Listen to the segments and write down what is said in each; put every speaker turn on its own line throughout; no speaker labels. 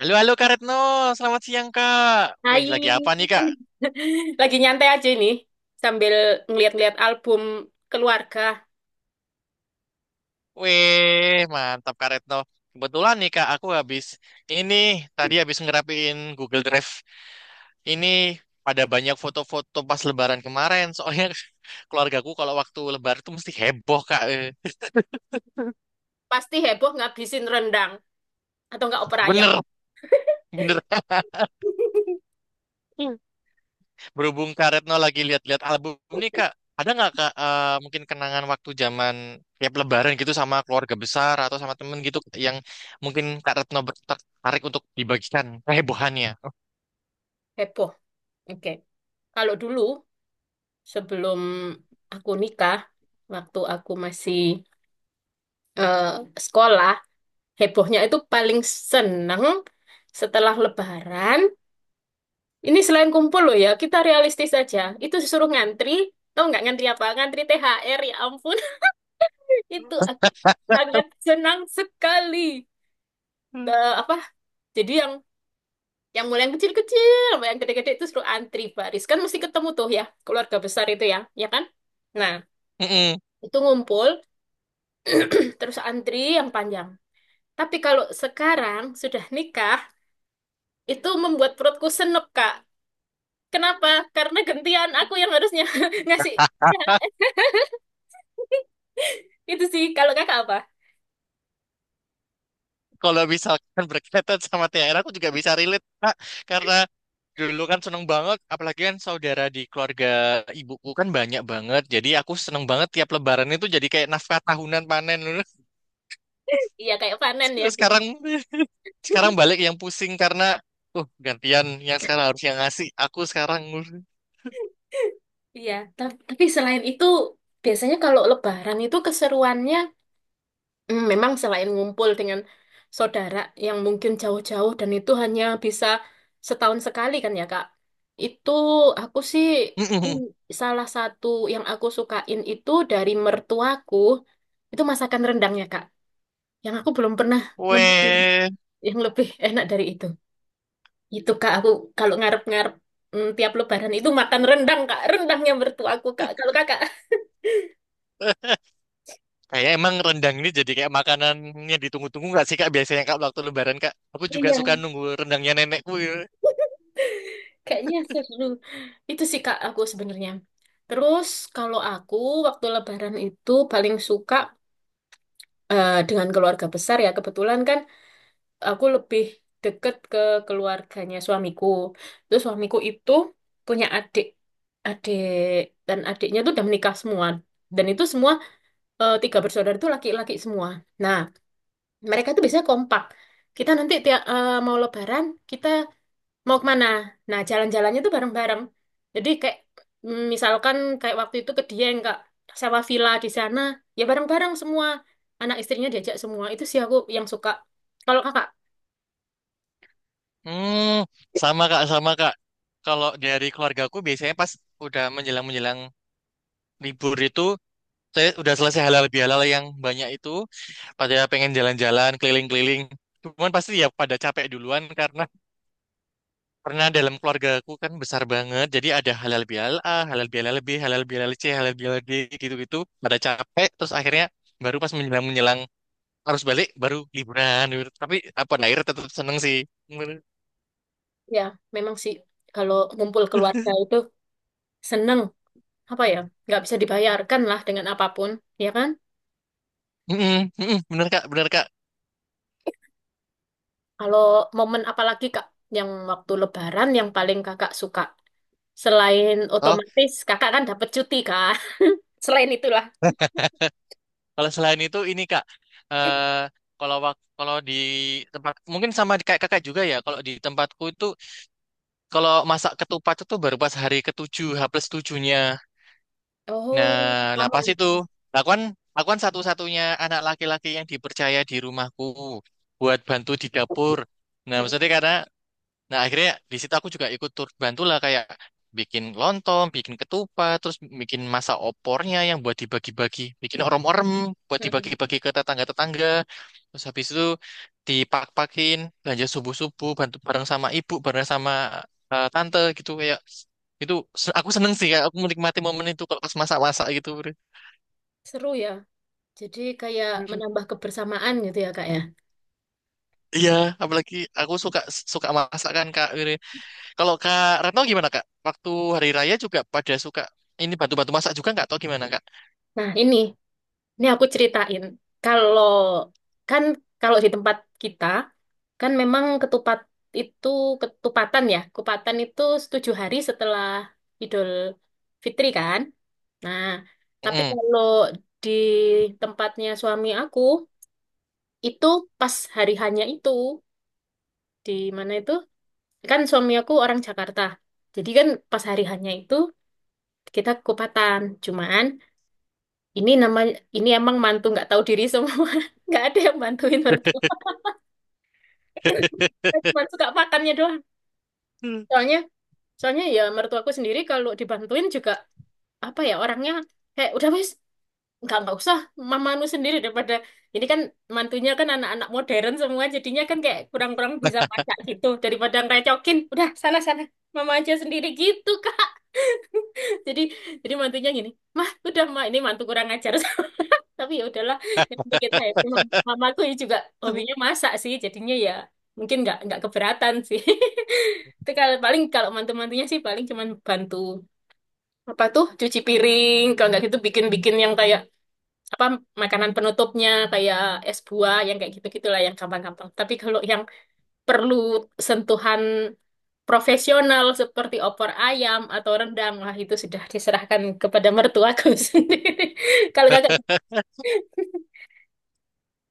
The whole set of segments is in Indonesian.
Halo, halo Kak Retno. Selamat siang, Kak.
Hai.
Wih, lagi apa nih, Kak?
Lagi nyantai aja ini sambil ngeliat-ngeliat album keluarga.
Wih, mantap, Kak Retno. Kebetulan nih, Kak, aku habis ini tadi habis ngerapiin Google Drive. Ini ada banyak foto-foto pas Lebaran kemarin. Soalnya keluargaku kalau waktu Lebaran tuh mesti heboh, Kak.
Pasti heboh ngabisin rendang atau nggak opor ayam.
Bener, bener. Berhubung Kak Retno lagi lihat-lihat album nih Kak, ada nggak Kak mungkin kenangan waktu zaman tiap Lebaran gitu sama keluarga besar atau sama temen gitu yang mungkin Kak Retno tertarik untuk dibagikan kehebohannya?
Heboh. Oke. Kalau dulu sebelum aku nikah, waktu aku masih eh, sekolah, hebohnya itu paling seneng setelah Lebaran. Ini selain kumpul loh ya, kita realistis aja. Itu disuruh ngantri, tau nggak ngantri apa? Ngantri THR ya ampun. Itu aku sangat senang sekali.
Hmm.
Eh, apa? Jadi yang mulai yang kecil-kecil, sampai yang gede-gede itu suruh antri baris. Kan mesti ketemu tuh ya, keluarga besar itu ya, ya kan? Nah,
Mm-mm.
itu ngumpul, terus antri yang panjang. Tapi kalau sekarang sudah nikah, itu membuat perutku senep, Kak. Kenapa? Karena gantian aku yang harusnya ngasih. Ya, itu sih, kalau kakak apa?
Kalau misalkan berkaitan sama THR, aku juga bisa relate, Kak. Karena dulu kan seneng banget, apalagi kan saudara di keluarga ibuku kan banyak banget. Jadi aku seneng banget tiap lebaran itu jadi kayak nafkah tahunan panen.
Iya, kayak panen ya.
Sekarang sekarang balik yang pusing karena gantian yang sekarang harus yang ngasih aku sekarang.
Iya, tapi selain itu, biasanya kalau Lebaran itu keseruannya memang selain ngumpul dengan saudara yang mungkin jauh-jauh dan itu hanya bisa setahun sekali kan ya Kak. Itu aku sih, mm, salah satu yang aku sukain itu dari mertuaku itu masakan rendangnya Kak. Yang aku belum pernah nemuin
Weh,
yang lebih enak dari itu. Itu Kak aku kalau ngarep-ngarep tiap Lebaran itu makan rendang Kak. Rendangnya mertuaku Kak. Kalau Kakak.
kayak emang rendang ini jadi kayak makanannya ditunggu-tunggu nggak sih kak, biasanya kak waktu lebaran kak aku juga
Iya.
suka nunggu rendangnya nenekku ya.
Kayaknya seru. Itu sih Kak aku sebenarnya. Terus kalau aku waktu Lebaran itu paling suka, dengan keluarga besar ya. Kebetulan kan aku lebih deket ke keluarganya suamiku. Terus suamiku itu punya adik, adik dan adiknya tuh udah menikah semua. Dan itu semua tiga bersaudara itu laki-laki semua. Nah mereka itu biasanya kompak. Kita nanti tiap mau Lebaran kita mau kemana? Nah, jalan-jalannya tuh bareng-bareng. Jadi kayak, misalkan kayak waktu itu ke Dieng, Kak, sewa villa di sana, ya bareng-bareng semua. Anak istrinya diajak semua. Itu sih aku yang suka. Kalau Kakak,
Hmm. Sama kak, kalau dari keluargaku biasanya pas udah menjelang-menjelang libur itu saya udah selesai halal bihalal yang banyak itu pada pengen jalan-jalan keliling-keliling cuman pasti ya pada capek duluan karena pernah dalam keluargaku kan besar banget, jadi ada halal bihalal A, halal bihalal B, halal bihalal C, halal bihalal D, gitu-gitu. Pada capek, terus akhirnya baru pas menjelang-menjelang harus balik, baru liburan. Gitu. Tapi apa akhirnya tetap seneng sih. Bener,
ya memang sih kalau ngumpul keluarga itu seneng, apa ya? Nggak bisa dibayarkan lah dengan apapun, ya kan?
mm-mm, mm-mm, bener kak, bener kak.
Kalau momen apalagi Kak yang waktu Lebaran yang paling Kakak suka? Selain
Oh,
otomatis Kakak kan dapat cuti, Kak. Selain itulah.
kalau selain itu ini kak, eh kalau kalau di tempat mungkin sama kayak kakak juga ya. Kalau di tempatku itu kalau masak ketupat itu baru pas hari ketujuh, H plus tujuhnya. Nah,
Oh,
lah
sama.
pas itu, lah aku kan, aku kan satu-satunya anak laki-laki yang dipercaya di rumahku buat bantu di dapur. Nah, maksudnya karena Nah, akhirnya di situ aku juga ikut turut bantulah kayak bikin lontong, bikin ketupat, terus bikin masa opornya yang buat dibagi-bagi, bikin orem-orem buat
Mm-mm.
dibagi-bagi ke tetangga-tetangga. Terus habis itu dipak-pakin belanja subuh-subuh, bantu bareng sama ibu, bareng sama tante gitu kayak itu aku seneng sih kayak aku menikmati momen itu kalau pas masak-masak gitu. Bre.
Seru ya. Jadi kayak menambah kebersamaan gitu ya, Kak ya.
Iya, apalagi aku suka suka masakan Kak. Gitu. Kalau Kak Retno gimana Kak? Waktu hari raya juga pada suka ini bantu-bantu masak juga nggak? Atau gimana Kak?
Nah, ini aku ceritain. Kalau kan kalau di tempat kita kan memang ketupat itu ketupatan ya. Kupatan itu tujuh hari setelah Idul Fitri kan. Nah, tapi
Mm.
kalau di tempatnya suami aku itu pas hari hanya itu di mana itu kan suami aku orang Jakarta. Jadi kan pas hari hanya itu kita kupatan, cuman ini namanya ini emang mantu nggak tahu diri semua. Nggak ada yang bantuin mertua. Cuma suka makannya doang, soalnya soalnya ya mertuaku sendiri kalau dibantuin juga, apa ya, orangnya kayak udah wis nggak usah, mamanu sendiri daripada ini, kan mantunya kan anak-anak modern semua, jadinya kan kayak kurang-kurang bisa masak gitu, daripada ngerecokin udah sana sana mama aja sendiri gitu kan. jadi jadi mantunya gini mah, udah mah ini mantu kurang ajar. Tapi ya udahlah, yang penting kita happy. Mamaku ya juga hobinya masak sih, jadinya ya mungkin nggak keberatan sih. Itu kalau paling kalau mantu-mantunya sih paling cuman bantu apa tuh cuci piring, kalau nggak gitu bikin-bikin yang kayak apa, makanan penutupnya kayak es buah yang kayak gitu-gitulah, yang gampang-gampang. Tapi kalau yang perlu sentuhan profesional seperti opor ayam atau rendang, wah itu sudah diserahkan kepada mertuaku sendiri. Kalau kakak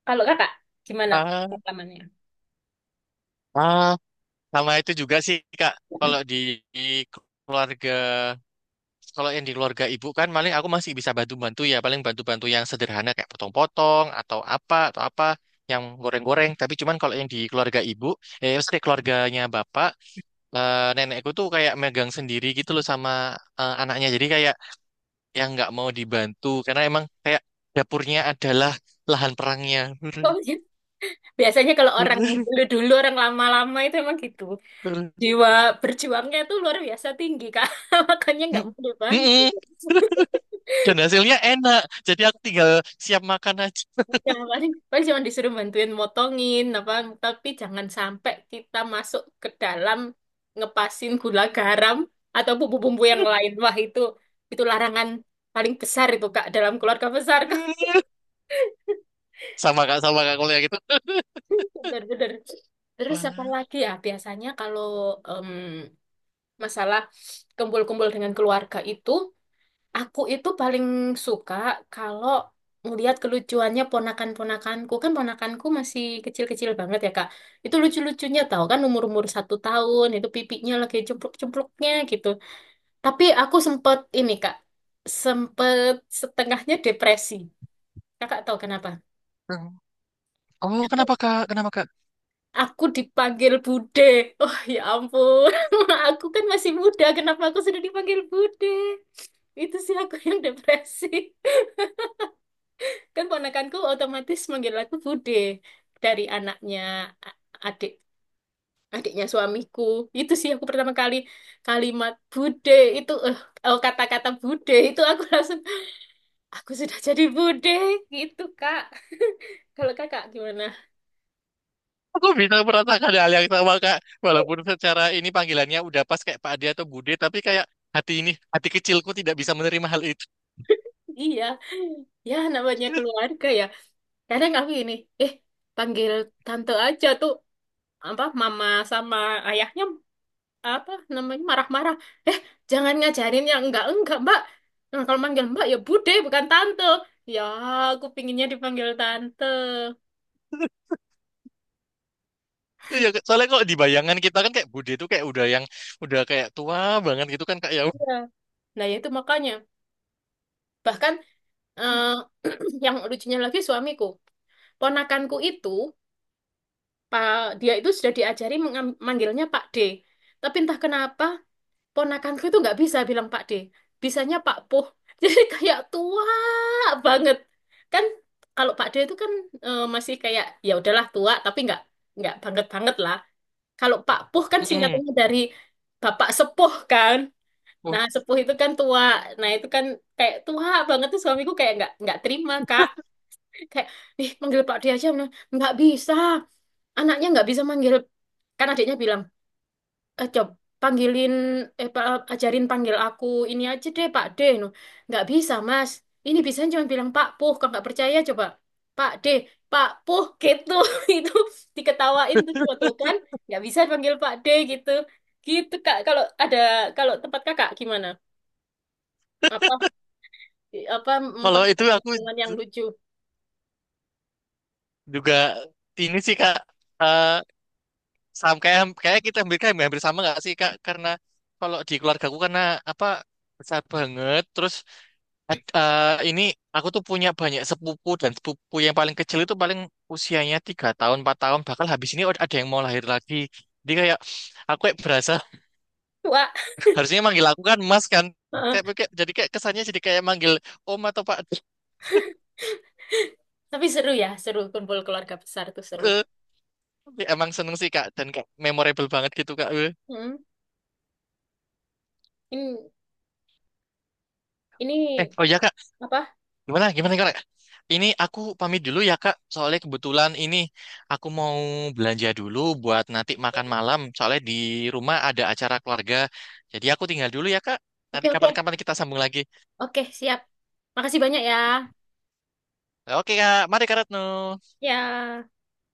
Kalau kakak, gimana
Ah,
pengalamannya?
ah, sama itu juga sih Kak. Kalau di, di keluarga, kalau yang di keluarga ibu kan paling aku masih bisa bantu-bantu ya. Paling bantu-bantu yang sederhana kayak potong-potong atau apa yang goreng-goreng. Tapi cuman kalau yang di keluarga ibu, eh maksudnya keluarganya bapak, nenekku tuh kayak megang sendiri gitu loh sama anaknya. Jadi kayak yang nggak mau dibantu karena emang kayak dapurnya adalah lahan perangnya.
Oh, iya. Biasanya kalau orang dulu-dulu, orang lama-lama itu emang gitu. Jiwa berjuangnya tuh luar biasa tinggi, Kak. Makanya nggak mau dibantu.
Dan hasilnya enak, jadi aku tinggal siap makan aja.
Ya, paling, paling cuma disuruh bantuin motongin, apa, tapi jangan sampai kita masuk ke dalam ngepasin gula garam atau bumbu-bumbu yang lain. Wah, itu larangan paling besar itu, Kak, dalam keluarga besar, Kak.
Sama kak kuliah gitu.
Benar-benar. Terus apa
Walah.
lagi ya? Biasanya kalau, em, masalah kumpul-kumpul dengan keluarga itu, aku itu paling suka kalau ngelihat kelucuannya ponakan-ponakanku. Kan ponakanku masih kecil-kecil banget ya, Kak. Itu lucu-lucunya tahu kan umur-umur satu tahun, itu pipinya lagi cempluk-cempluknya gitu. Tapi aku sempet ini, Kak, sempet setengahnya depresi. Kakak tahu kenapa?
Oh, kenapa kak? Kenapa kak?
Aku dipanggil Bude. Oh ya ampun, aku kan masih muda. Kenapa aku sudah dipanggil Bude? Itu sih aku yang depresi. Kan ponakanku otomatis manggil aku Bude, dari anaknya a- adik adiknya suamiku. Itu sih aku pertama kali kalimat Bude itu, oh, kata-kata Bude itu aku langsung aku sudah jadi Bude gitu, Kak. Kalau Kakak gimana?
Aku bisa merasakan hal yang sama kak. Walaupun secara ini panggilannya udah pas kayak Pak Ade atau Bude, tapi kayak hati ini, hati kecilku tidak bisa menerima hal itu.
Iya, ya namanya keluarga ya. Kadang aku ini, eh panggil tante aja tuh, apa mama sama ayahnya apa namanya marah-marah, eh jangan ngajarin yang enggak mbak. Nah, kalau manggil mbak ya bude bukan tante ya, aku pinginnya dipanggil tante.
Iya, soalnya kok di bayangan kita kan kayak Bude itu kayak udah yang udah kayak tua banget gitu kan kak ya.
Iya. Nah ya itu makanya, bahkan eh, yang lucunya lagi suamiku, ponakanku itu pak, dia itu sudah diajari manggilnya Pak D, tapi entah kenapa ponakanku itu nggak bisa bilang Pak D, bisanya Pak Puh. Jadi kayak tua banget kan. Kalau Pak D itu kan, masih kayak ya udahlah tua tapi nggak banget banget lah. Kalau Pak Puh kan
Mm-mm.
singkatannya dari Bapak Sepuh kan.
Oh,
Nah sepuh itu kan tua. Nah itu kan kayak tua banget tuh, suamiku kayak nggak terima kak, kayak ih manggil Pak D aja. Nah, nggak bisa, anaknya nggak bisa manggil. Kan adiknya bilang, coba panggilin, eh pa- ajarin panggil aku ini aja deh Pak D no. Nggak bisa Mas, ini bisa cuma bilang Pak Puh. Kalau nggak percaya coba, Pak D, Pak Puh gitu. Itu diketawain tuh waktu itu kan nggak bisa panggil Pak D gitu. Gitu Kak kalau ada. Kalau tempat Kakak gimana, apa apa
kalau itu aku
pekerjaan yang lucu.
juga ini sih Kak eh kayak kayak kita hampir kayak hampir sama nggak sih Kak karena kalau di keluarga aku karena apa besar banget terus ini aku tuh punya banyak sepupu dan sepupu yang paling kecil itu paling usianya 3 tahun 4 tahun bakal habis ini ada yang mau lahir lagi jadi kayak aku kayak berasa
Wah.
harusnya manggil aku kan Mas kan kayak,
Heeh.
kayak- jadi kayak kesannya jadi kayak manggil Om atau Pak.
Tapi seru ya, seru kumpul keluarga besar tuh seru.
Eh, tapi emang seneng sih Kak dan kayak memorable banget gitu Kak
Hmm. ini ini
oh ya Kak,
apa.
gimana gimana Kak, ini aku pamit dulu ya Kak soalnya kebetulan ini aku mau belanja dulu buat nanti makan malam soalnya di rumah ada acara keluarga jadi aku tinggal dulu ya Kak. Nanti
Oke, oke.
kapan-kapan kita sambung lagi.
Oke, siap. Makasih banyak ya.
Oke Kak, mari Kak Retno.
Ya.